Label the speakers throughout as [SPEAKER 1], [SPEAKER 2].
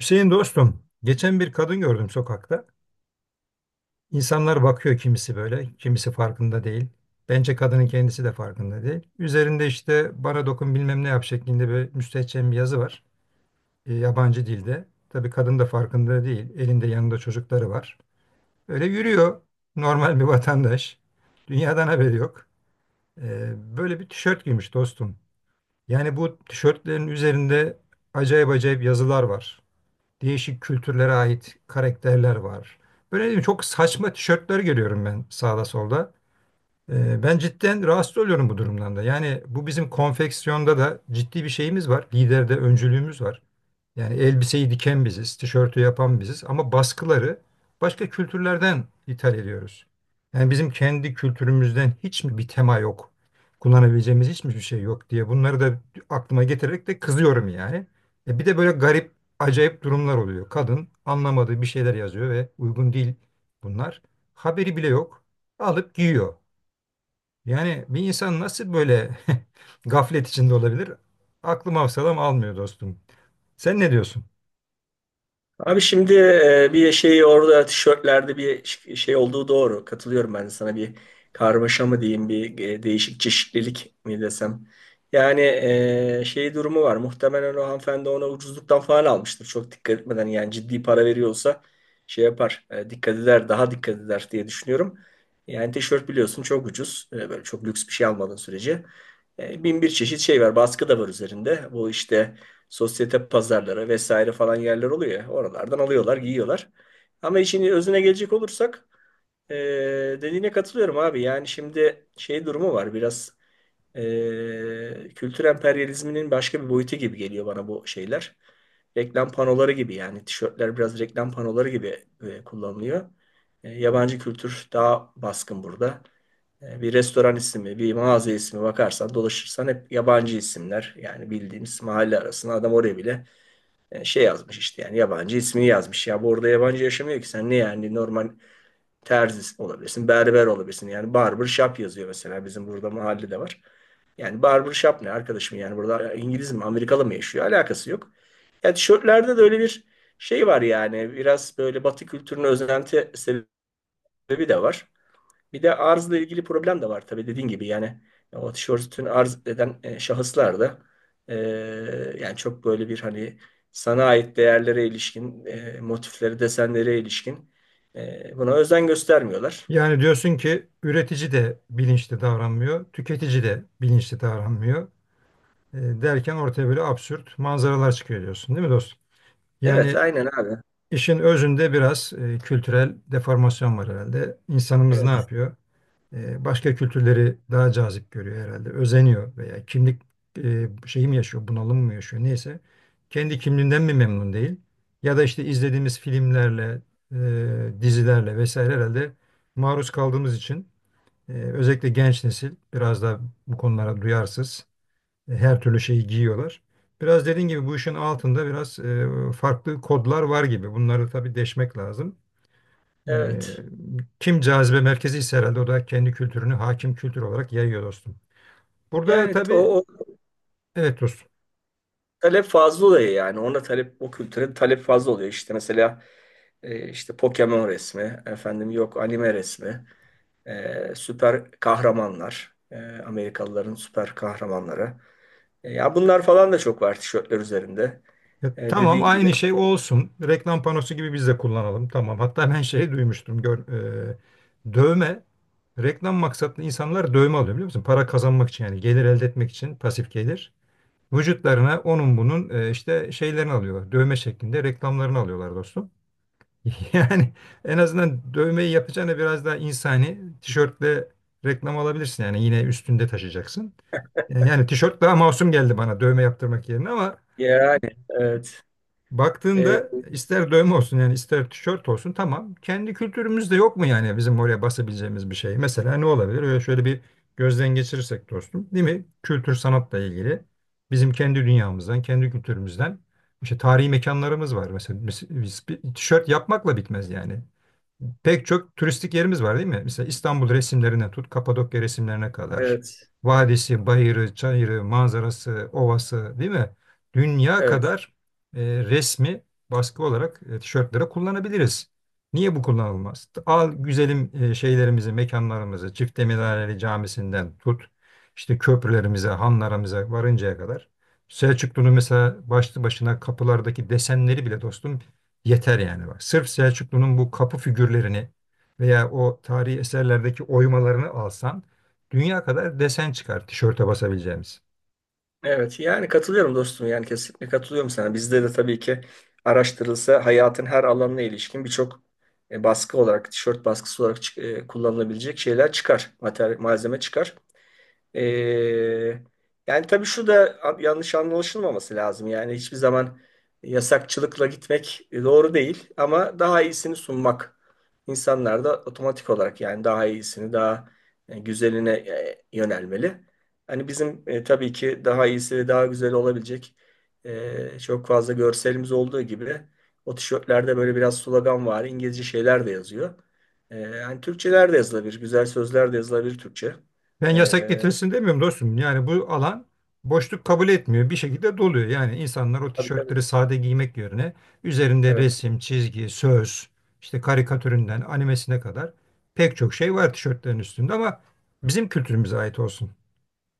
[SPEAKER 1] Hüseyin dostum, geçen bir kadın gördüm sokakta. İnsanlar bakıyor, kimisi böyle, kimisi farkında değil. Bence kadının kendisi de farkında değil. Üzerinde işte "bana dokun, bilmem ne yap" şeklinde bir müstehcen bir yazı var. Yabancı dilde. Tabii kadın da farkında değil. Elinde, yanında çocukları var. Öyle yürüyor, normal bir vatandaş. Dünyadan haberi yok. Böyle bir tişört giymiş dostum. Yani bu tişörtlerin üzerinde acayip acayip yazılar var. Değişik kültürlere ait karakterler var. Böyle değil mi? Çok saçma tişörtler görüyorum ben sağda solda. Ben cidden rahatsız oluyorum bu durumdan da. Yani bu bizim konfeksiyonda da ciddi bir şeyimiz var. Liderde öncülüğümüz var. Yani elbiseyi diken biziz, tişörtü yapan biziz, ama baskıları başka kültürlerden ithal ediyoruz. Yani bizim kendi kültürümüzden hiç mi bir tema yok? Kullanabileceğimiz hiç mi bir şey yok diye bunları da aklıma getirerek de kızıyorum yani. E bir de böyle garip, acayip durumlar oluyor. Kadın anlamadığı bir şeyler yazıyor ve uygun değil bunlar. Haberi bile yok. Alıp giyiyor. Yani bir insan nasıl böyle gaflet içinde olabilir? Aklım hafsalam almıyor dostum. Sen ne diyorsun?
[SPEAKER 2] Abi şimdi bir şey orada tişörtlerde şey olduğu doğru. Katılıyorum ben de sana bir karmaşa mı diyeyim bir değişik çeşitlilik mi desem. Yani şey durumu var. Muhtemelen o hanımefendi ona ucuzluktan falan almıştır. Çok dikkat etmeden yani ciddi para veriyorsa şey yapar. Dikkat eder daha dikkat eder diye düşünüyorum. Yani tişört biliyorsun çok ucuz. Böyle çok lüks bir şey almadığın sürece. Bin bir çeşit şey var. Baskı da var üzerinde. Bu işte sosyete pazarlara vesaire falan yerler oluyor ya. Oralardan alıyorlar, giyiyorlar. Ama işin özüne gelecek olursak dediğine katılıyorum abi. Yani şimdi şey durumu var biraz kültür emperyalizminin başka bir boyutu gibi geliyor bana bu şeyler. Reklam panoları gibi yani tişörtler biraz reklam panoları gibi kullanılıyor. Yabancı kültür daha baskın burada. Bir restoran ismi, bir mağaza ismi bakarsan, dolaşırsan hep yabancı isimler. Yani bildiğimiz mahalle arasında adam oraya bile şey yazmış işte yani yabancı ismini yazmış. Ya bu orada yabancı yaşamıyor ki sen ne yani normal terzi olabilirsin, berber olabilirsin. Yani barber shop yazıyor mesela bizim burada mahallede var. Yani barber shop ne arkadaşım yani burada İngiliz mi Amerikalı mı yaşıyor alakası yok. Ya tişörtlerde de öyle bir şey var yani biraz böyle Batı kültürüne özenti sebebi de var. Bir de arzla ilgili problem de var tabii dediğin gibi yani o tişörtünü arz eden şahıslar da e, yani çok böyle bir hani sana ait değerlere ilişkin, motifleri, desenlere ilişkin buna özen göstermiyorlar.
[SPEAKER 1] Yani diyorsun ki üretici de bilinçli davranmıyor, tüketici de bilinçli davranmıyor, derken ortaya böyle absürt manzaralar çıkıyor diyorsun, değil mi dostum?
[SPEAKER 2] Evet,
[SPEAKER 1] Yani
[SPEAKER 2] aynen abi.
[SPEAKER 1] işin özünde biraz kültürel deformasyon var herhalde. İnsanımız ne
[SPEAKER 2] Evet,
[SPEAKER 1] yapıyor? Başka kültürleri daha cazip görüyor herhalde, özeniyor veya kimlik şeyi mi yaşıyor, bunalım mı yaşıyor, neyse. Kendi kimliğinden mi memnun değil? Ya da işte izlediğimiz filmlerle, dizilerle vesaire herhalde maruz kaldığımız için özellikle genç nesil biraz da bu konulara duyarsız. Her türlü şeyi giyiyorlar. Biraz dediğin gibi bu işin altında biraz farklı kodlar var gibi. Bunları tabii deşmek lazım. E,
[SPEAKER 2] evet.
[SPEAKER 1] Kim cazibe merkezi ise herhalde o da kendi kültürünü hakim kültür olarak yayıyor dostum. Burada
[SPEAKER 2] Yani o,
[SPEAKER 1] tabii
[SPEAKER 2] o
[SPEAKER 1] evet dostum.
[SPEAKER 2] talep fazla oluyor yani. Ona talep, o kültüre talep fazla oluyor. İşte mesela işte Pokemon resmi, efendim yok anime resmi. Süper kahramanlar, Amerikalıların süper kahramanları. Ya bunlar falan da çok var tişörtler üzerinde.
[SPEAKER 1] Ya tamam,
[SPEAKER 2] Dediğin gibi.
[SPEAKER 1] aynı şey olsun. Reklam panosu gibi biz de kullanalım. Tamam. Hatta ben şey duymuştum. Gör, dövme reklam maksatlı insanlar dövme alıyor, biliyor musun? Para kazanmak için, yani gelir elde etmek için, pasif gelir. Vücutlarına onun bunun işte şeylerini alıyorlar. Dövme şeklinde reklamlarını alıyorlar dostum. Yani en azından dövmeyi yapacağına biraz daha insani, tişörtle reklam alabilirsin. Yani yine üstünde taşıyacaksın. Yani tişört daha masum geldi bana dövme yaptırmak yerine, ama
[SPEAKER 2] Yani evet. E,
[SPEAKER 1] baktığında ister dövme olsun yani, ister tişört olsun, tamam. Kendi kültürümüzde yok mu yani bizim oraya basabileceğimiz bir şey? Mesela ne olabilir? Öyle şöyle bir gözden geçirirsek dostum, değil mi? Kültür sanatla ilgili bizim kendi dünyamızdan, kendi kültürümüzden, işte tarihi mekanlarımız var. Mesela biz bir tişört yapmakla bitmez yani. Pek çok turistik yerimiz var, değil mi? Mesela İstanbul resimlerine tut, Kapadokya resimlerine kadar.
[SPEAKER 2] evet.
[SPEAKER 1] Vadisi, bayırı, çayırı, manzarası, ovası, değil mi? Dünya
[SPEAKER 2] Evet.
[SPEAKER 1] kadar resmi, baskı olarak tişörtlere kullanabiliriz. Niye bu kullanılmaz? Al güzelim şeylerimizi, mekanlarımızı, Çifteminareli Camisi'nden tut, işte köprülerimize, hanlarımıza varıncaya kadar. Selçuklu'nun mesela başlı başına kapılardaki desenleri bile dostum yeter yani, bak. Sırf Selçuklu'nun bu kapı figürlerini veya o tarihi eserlerdeki oymalarını alsan dünya kadar desen çıkar tişörte basabileceğimiz.
[SPEAKER 2] Evet. Yani katılıyorum dostum. Yani kesinlikle katılıyorum sana. Bizde de tabii ki araştırılsa hayatın her alanına ilişkin birçok baskı olarak, tişört baskısı olarak kullanılabilecek şeyler çıkar. Mater malzeme çıkar. Ee, Yani tabii şu da yanlış anlaşılmaması lazım. Yani hiçbir zaman yasakçılıkla gitmek doğru değil ama daha iyisini sunmak insanlar da otomatik olarak yani daha iyisini, daha güzeline yönelmeli. Hani bizim tabii ki daha iyisi ve daha güzel olabilecek çok fazla görselimiz olduğu gibi o tişörtlerde böyle biraz slogan var, İngilizce şeyler de yazıyor. Yani Türkçeler de yazılabilir, güzel sözler de yazılabilir Türkçe.
[SPEAKER 1] Ben yasak
[SPEAKER 2] E,
[SPEAKER 1] getirilsin demiyorum dostum. Yani bu alan boşluk kabul etmiyor. Bir şekilde doluyor. Yani insanlar o
[SPEAKER 2] Tabii tabii.
[SPEAKER 1] tişörtleri sade giymek yerine üzerinde
[SPEAKER 2] Evet.
[SPEAKER 1] resim, çizgi, söz, işte karikatüründen animesine kadar pek çok şey var tişörtlerin üstünde, ama bizim kültürümüze ait olsun.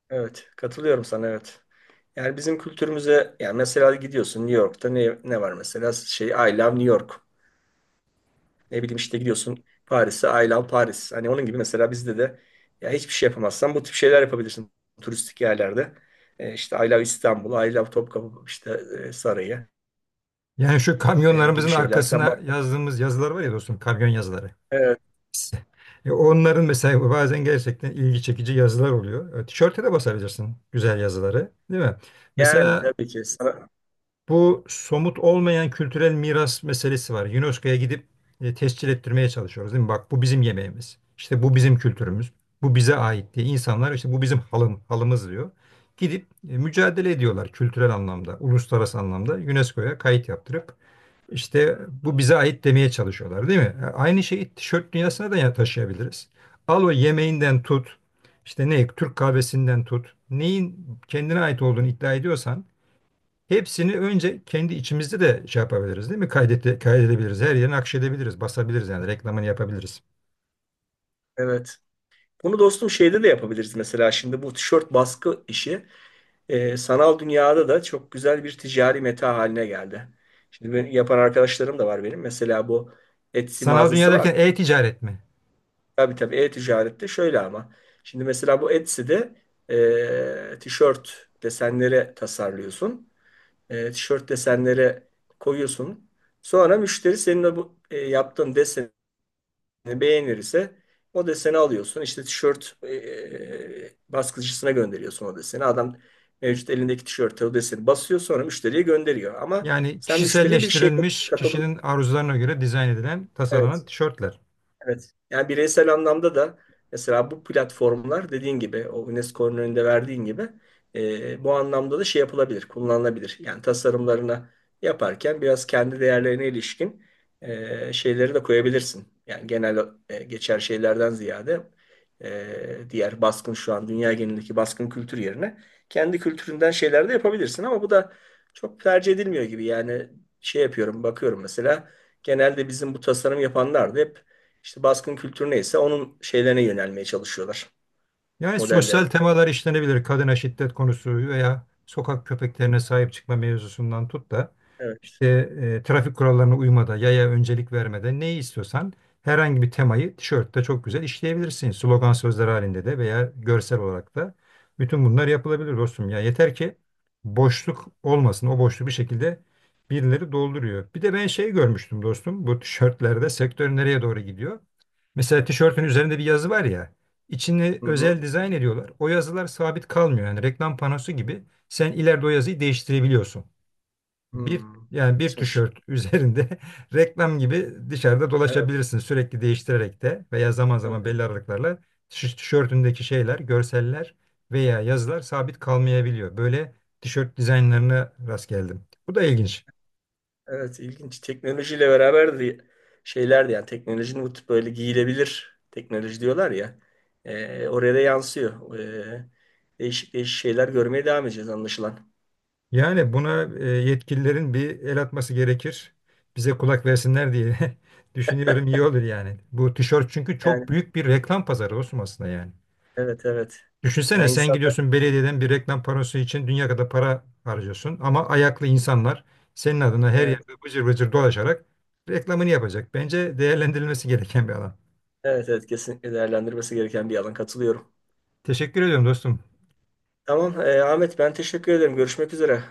[SPEAKER 2] Evet. Katılıyorum sana evet. Yani bizim kültürümüze yani mesela gidiyorsun New York'ta ne var mesela şey I love New York. Ne bileyim işte gidiyorsun Paris'e I love Paris. Hani onun gibi mesela bizde de ya hiçbir şey yapamazsan bu tip şeyler yapabilirsin turistik yerlerde. İşte I love İstanbul, I love Topkapı işte Sarayı
[SPEAKER 1] Yani şu
[SPEAKER 2] gibi
[SPEAKER 1] kamyonlarımızın
[SPEAKER 2] şeylerden
[SPEAKER 1] arkasına
[SPEAKER 2] bak.
[SPEAKER 1] yazdığımız yazılar var ya dostum, kamyon yazıları.
[SPEAKER 2] Evet.
[SPEAKER 1] Onların mesela bazen gerçekten ilgi çekici yazılar oluyor. Tişörte de basabilirsin güzel yazıları, değil mi?
[SPEAKER 2] Yani
[SPEAKER 1] Mesela
[SPEAKER 2] tabii ki sana
[SPEAKER 1] bu somut olmayan kültürel miras meselesi var. UNESCO'ya gidip tescil ettirmeye çalışıyoruz, değil mi? Bak, bu bizim yemeğimiz. İşte bu bizim kültürümüz. Bu bize ait diye insanlar işte "bu bizim halımız diyor. Gidip mücadele ediyorlar kültürel anlamda, uluslararası anlamda UNESCO'ya kayıt yaptırıp işte bu bize ait demeye çalışıyorlar, değil mi? Aynı şeyi tişört dünyasına da ya- taşıyabiliriz. Al o yemeğinden tut, işte ne Türk kahvesinden tut, neyin kendine ait olduğunu iddia ediyorsan hepsini önce kendi içimizde de şey yapabiliriz, değil mi? Kaydedebiliriz, her yerine akşedebiliriz, basabiliriz, yani reklamını yapabiliriz.
[SPEAKER 2] evet. Bunu dostum şeyde de yapabiliriz mesela şimdi bu tişört baskı işi. Sanal dünyada da çok güzel bir ticari meta haline geldi. Şimdi ben, yapan arkadaşlarım da var benim. Mesela bu Etsy
[SPEAKER 1] Sanal dünya
[SPEAKER 2] mağazası var.
[SPEAKER 1] derken e-ticaret mi?
[SPEAKER 2] Tabii tabii e-ticarette şöyle ama. Şimdi mesela bu Etsy'de tişört desenleri tasarlıyorsun. Tişört desenleri koyuyorsun. Sonra müşteri senin yaptığın desen beğenirse o deseni alıyorsun. İşte tişört baskıcısına gönderiyorsun o deseni. Adam mevcut elindeki tişörte o deseni basıyor sonra müşteriye gönderiyor. Ama
[SPEAKER 1] Yani
[SPEAKER 2] sen müşteriye bir şey
[SPEAKER 1] kişiselleştirilmiş,
[SPEAKER 2] katılım.
[SPEAKER 1] kişinin arzularına göre dizayn edilen, tasarlanan tişörtler.
[SPEAKER 2] Evet. Yani bireysel anlamda da mesela bu platformlar dediğin gibi o UNESCO'nun önünde verdiğin gibi bu anlamda da şey yapılabilir, kullanılabilir. Yani tasarımlarını yaparken biraz kendi değerlerine ilişkin şeyleri de koyabilirsin. Yani genel geçer şeylerden ziyade diğer baskın şu an dünya genelindeki baskın kültür yerine kendi kültüründen şeyler de yapabilirsin ama bu da çok tercih edilmiyor gibi. Yani şey yapıyorum, bakıyorum mesela genelde bizim bu tasarım yapanlar da hep işte baskın kültürü neyse onun şeylerine yönelmeye çalışıyorlar.
[SPEAKER 1] Yani
[SPEAKER 2] Modellerine.
[SPEAKER 1] sosyal temalar işlenebilir. Kadına şiddet konusu veya sokak köpeklerine sahip çıkma mevzusundan tut da
[SPEAKER 2] Evet.
[SPEAKER 1] işte trafik kurallarına uymada, yaya öncelik vermede, neyi istiyorsan herhangi bir temayı tişörtte çok güzel işleyebilirsin. Slogan sözler halinde de veya görsel olarak da bütün bunlar yapılabilir dostum. Ya yeter ki boşluk olmasın. O boşluğu bir şekilde birileri dolduruyor. Bir de ben şey görmüştüm dostum. Bu tişörtlerde sektör nereye doğru gidiyor? Mesela tişörtün üzerinde bir yazı var ya. İçini
[SPEAKER 2] Hı hı.
[SPEAKER 1] özel dizayn ediyorlar. O yazılar sabit kalmıyor. Yani reklam panosu gibi sen ileride o yazıyı değiştirebiliyorsun. Bir
[SPEAKER 2] Hmm.
[SPEAKER 1] yani bir
[SPEAKER 2] Geçmiş.
[SPEAKER 1] tişört üzerinde reklam gibi dışarıda
[SPEAKER 2] Evet.
[SPEAKER 1] dolaşabilirsin sürekli değiştirerek de, veya zaman zaman
[SPEAKER 2] Evet.
[SPEAKER 1] belli aralıklarla tişörtündeki şeyler, görseller veya yazılar sabit kalmayabiliyor. Böyle tişört dizaynlarına rast geldim. Bu da ilginç.
[SPEAKER 2] Evet. İlginç. Teknolojiyle beraber de şeyler de yani teknolojinin bu tip böyle giyilebilir teknoloji diyorlar ya. Oraya da yansıyor. Değişik değişik şeyler görmeye devam edeceğiz anlaşılan.
[SPEAKER 1] Yani buna yetkililerin bir el atması gerekir. Bize kulak versinler diye düşünüyorum, iyi olur yani. Bu tişört çünkü
[SPEAKER 2] Yani
[SPEAKER 1] çok büyük bir reklam pazarı olsun aslında yani.
[SPEAKER 2] evet, evet. Yani
[SPEAKER 1] Düşünsene, sen
[SPEAKER 2] insanlar
[SPEAKER 1] gidiyorsun belediyeden bir reklam panosu için dünya kadar para harcıyorsun, ama ayaklı insanlar senin adına her
[SPEAKER 2] evet
[SPEAKER 1] yerde bıcır bıcır dolaşarak reklamını yapacak. Bence değerlendirilmesi gereken bir alan.
[SPEAKER 2] evet, evet kesinlikle değerlendirmesi gereken bir alan katılıyorum.
[SPEAKER 1] Teşekkür ediyorum dostum.
[SPEAKER 2] Tamam Ahmet ben teşekkür ederim. Görüşmek üzere.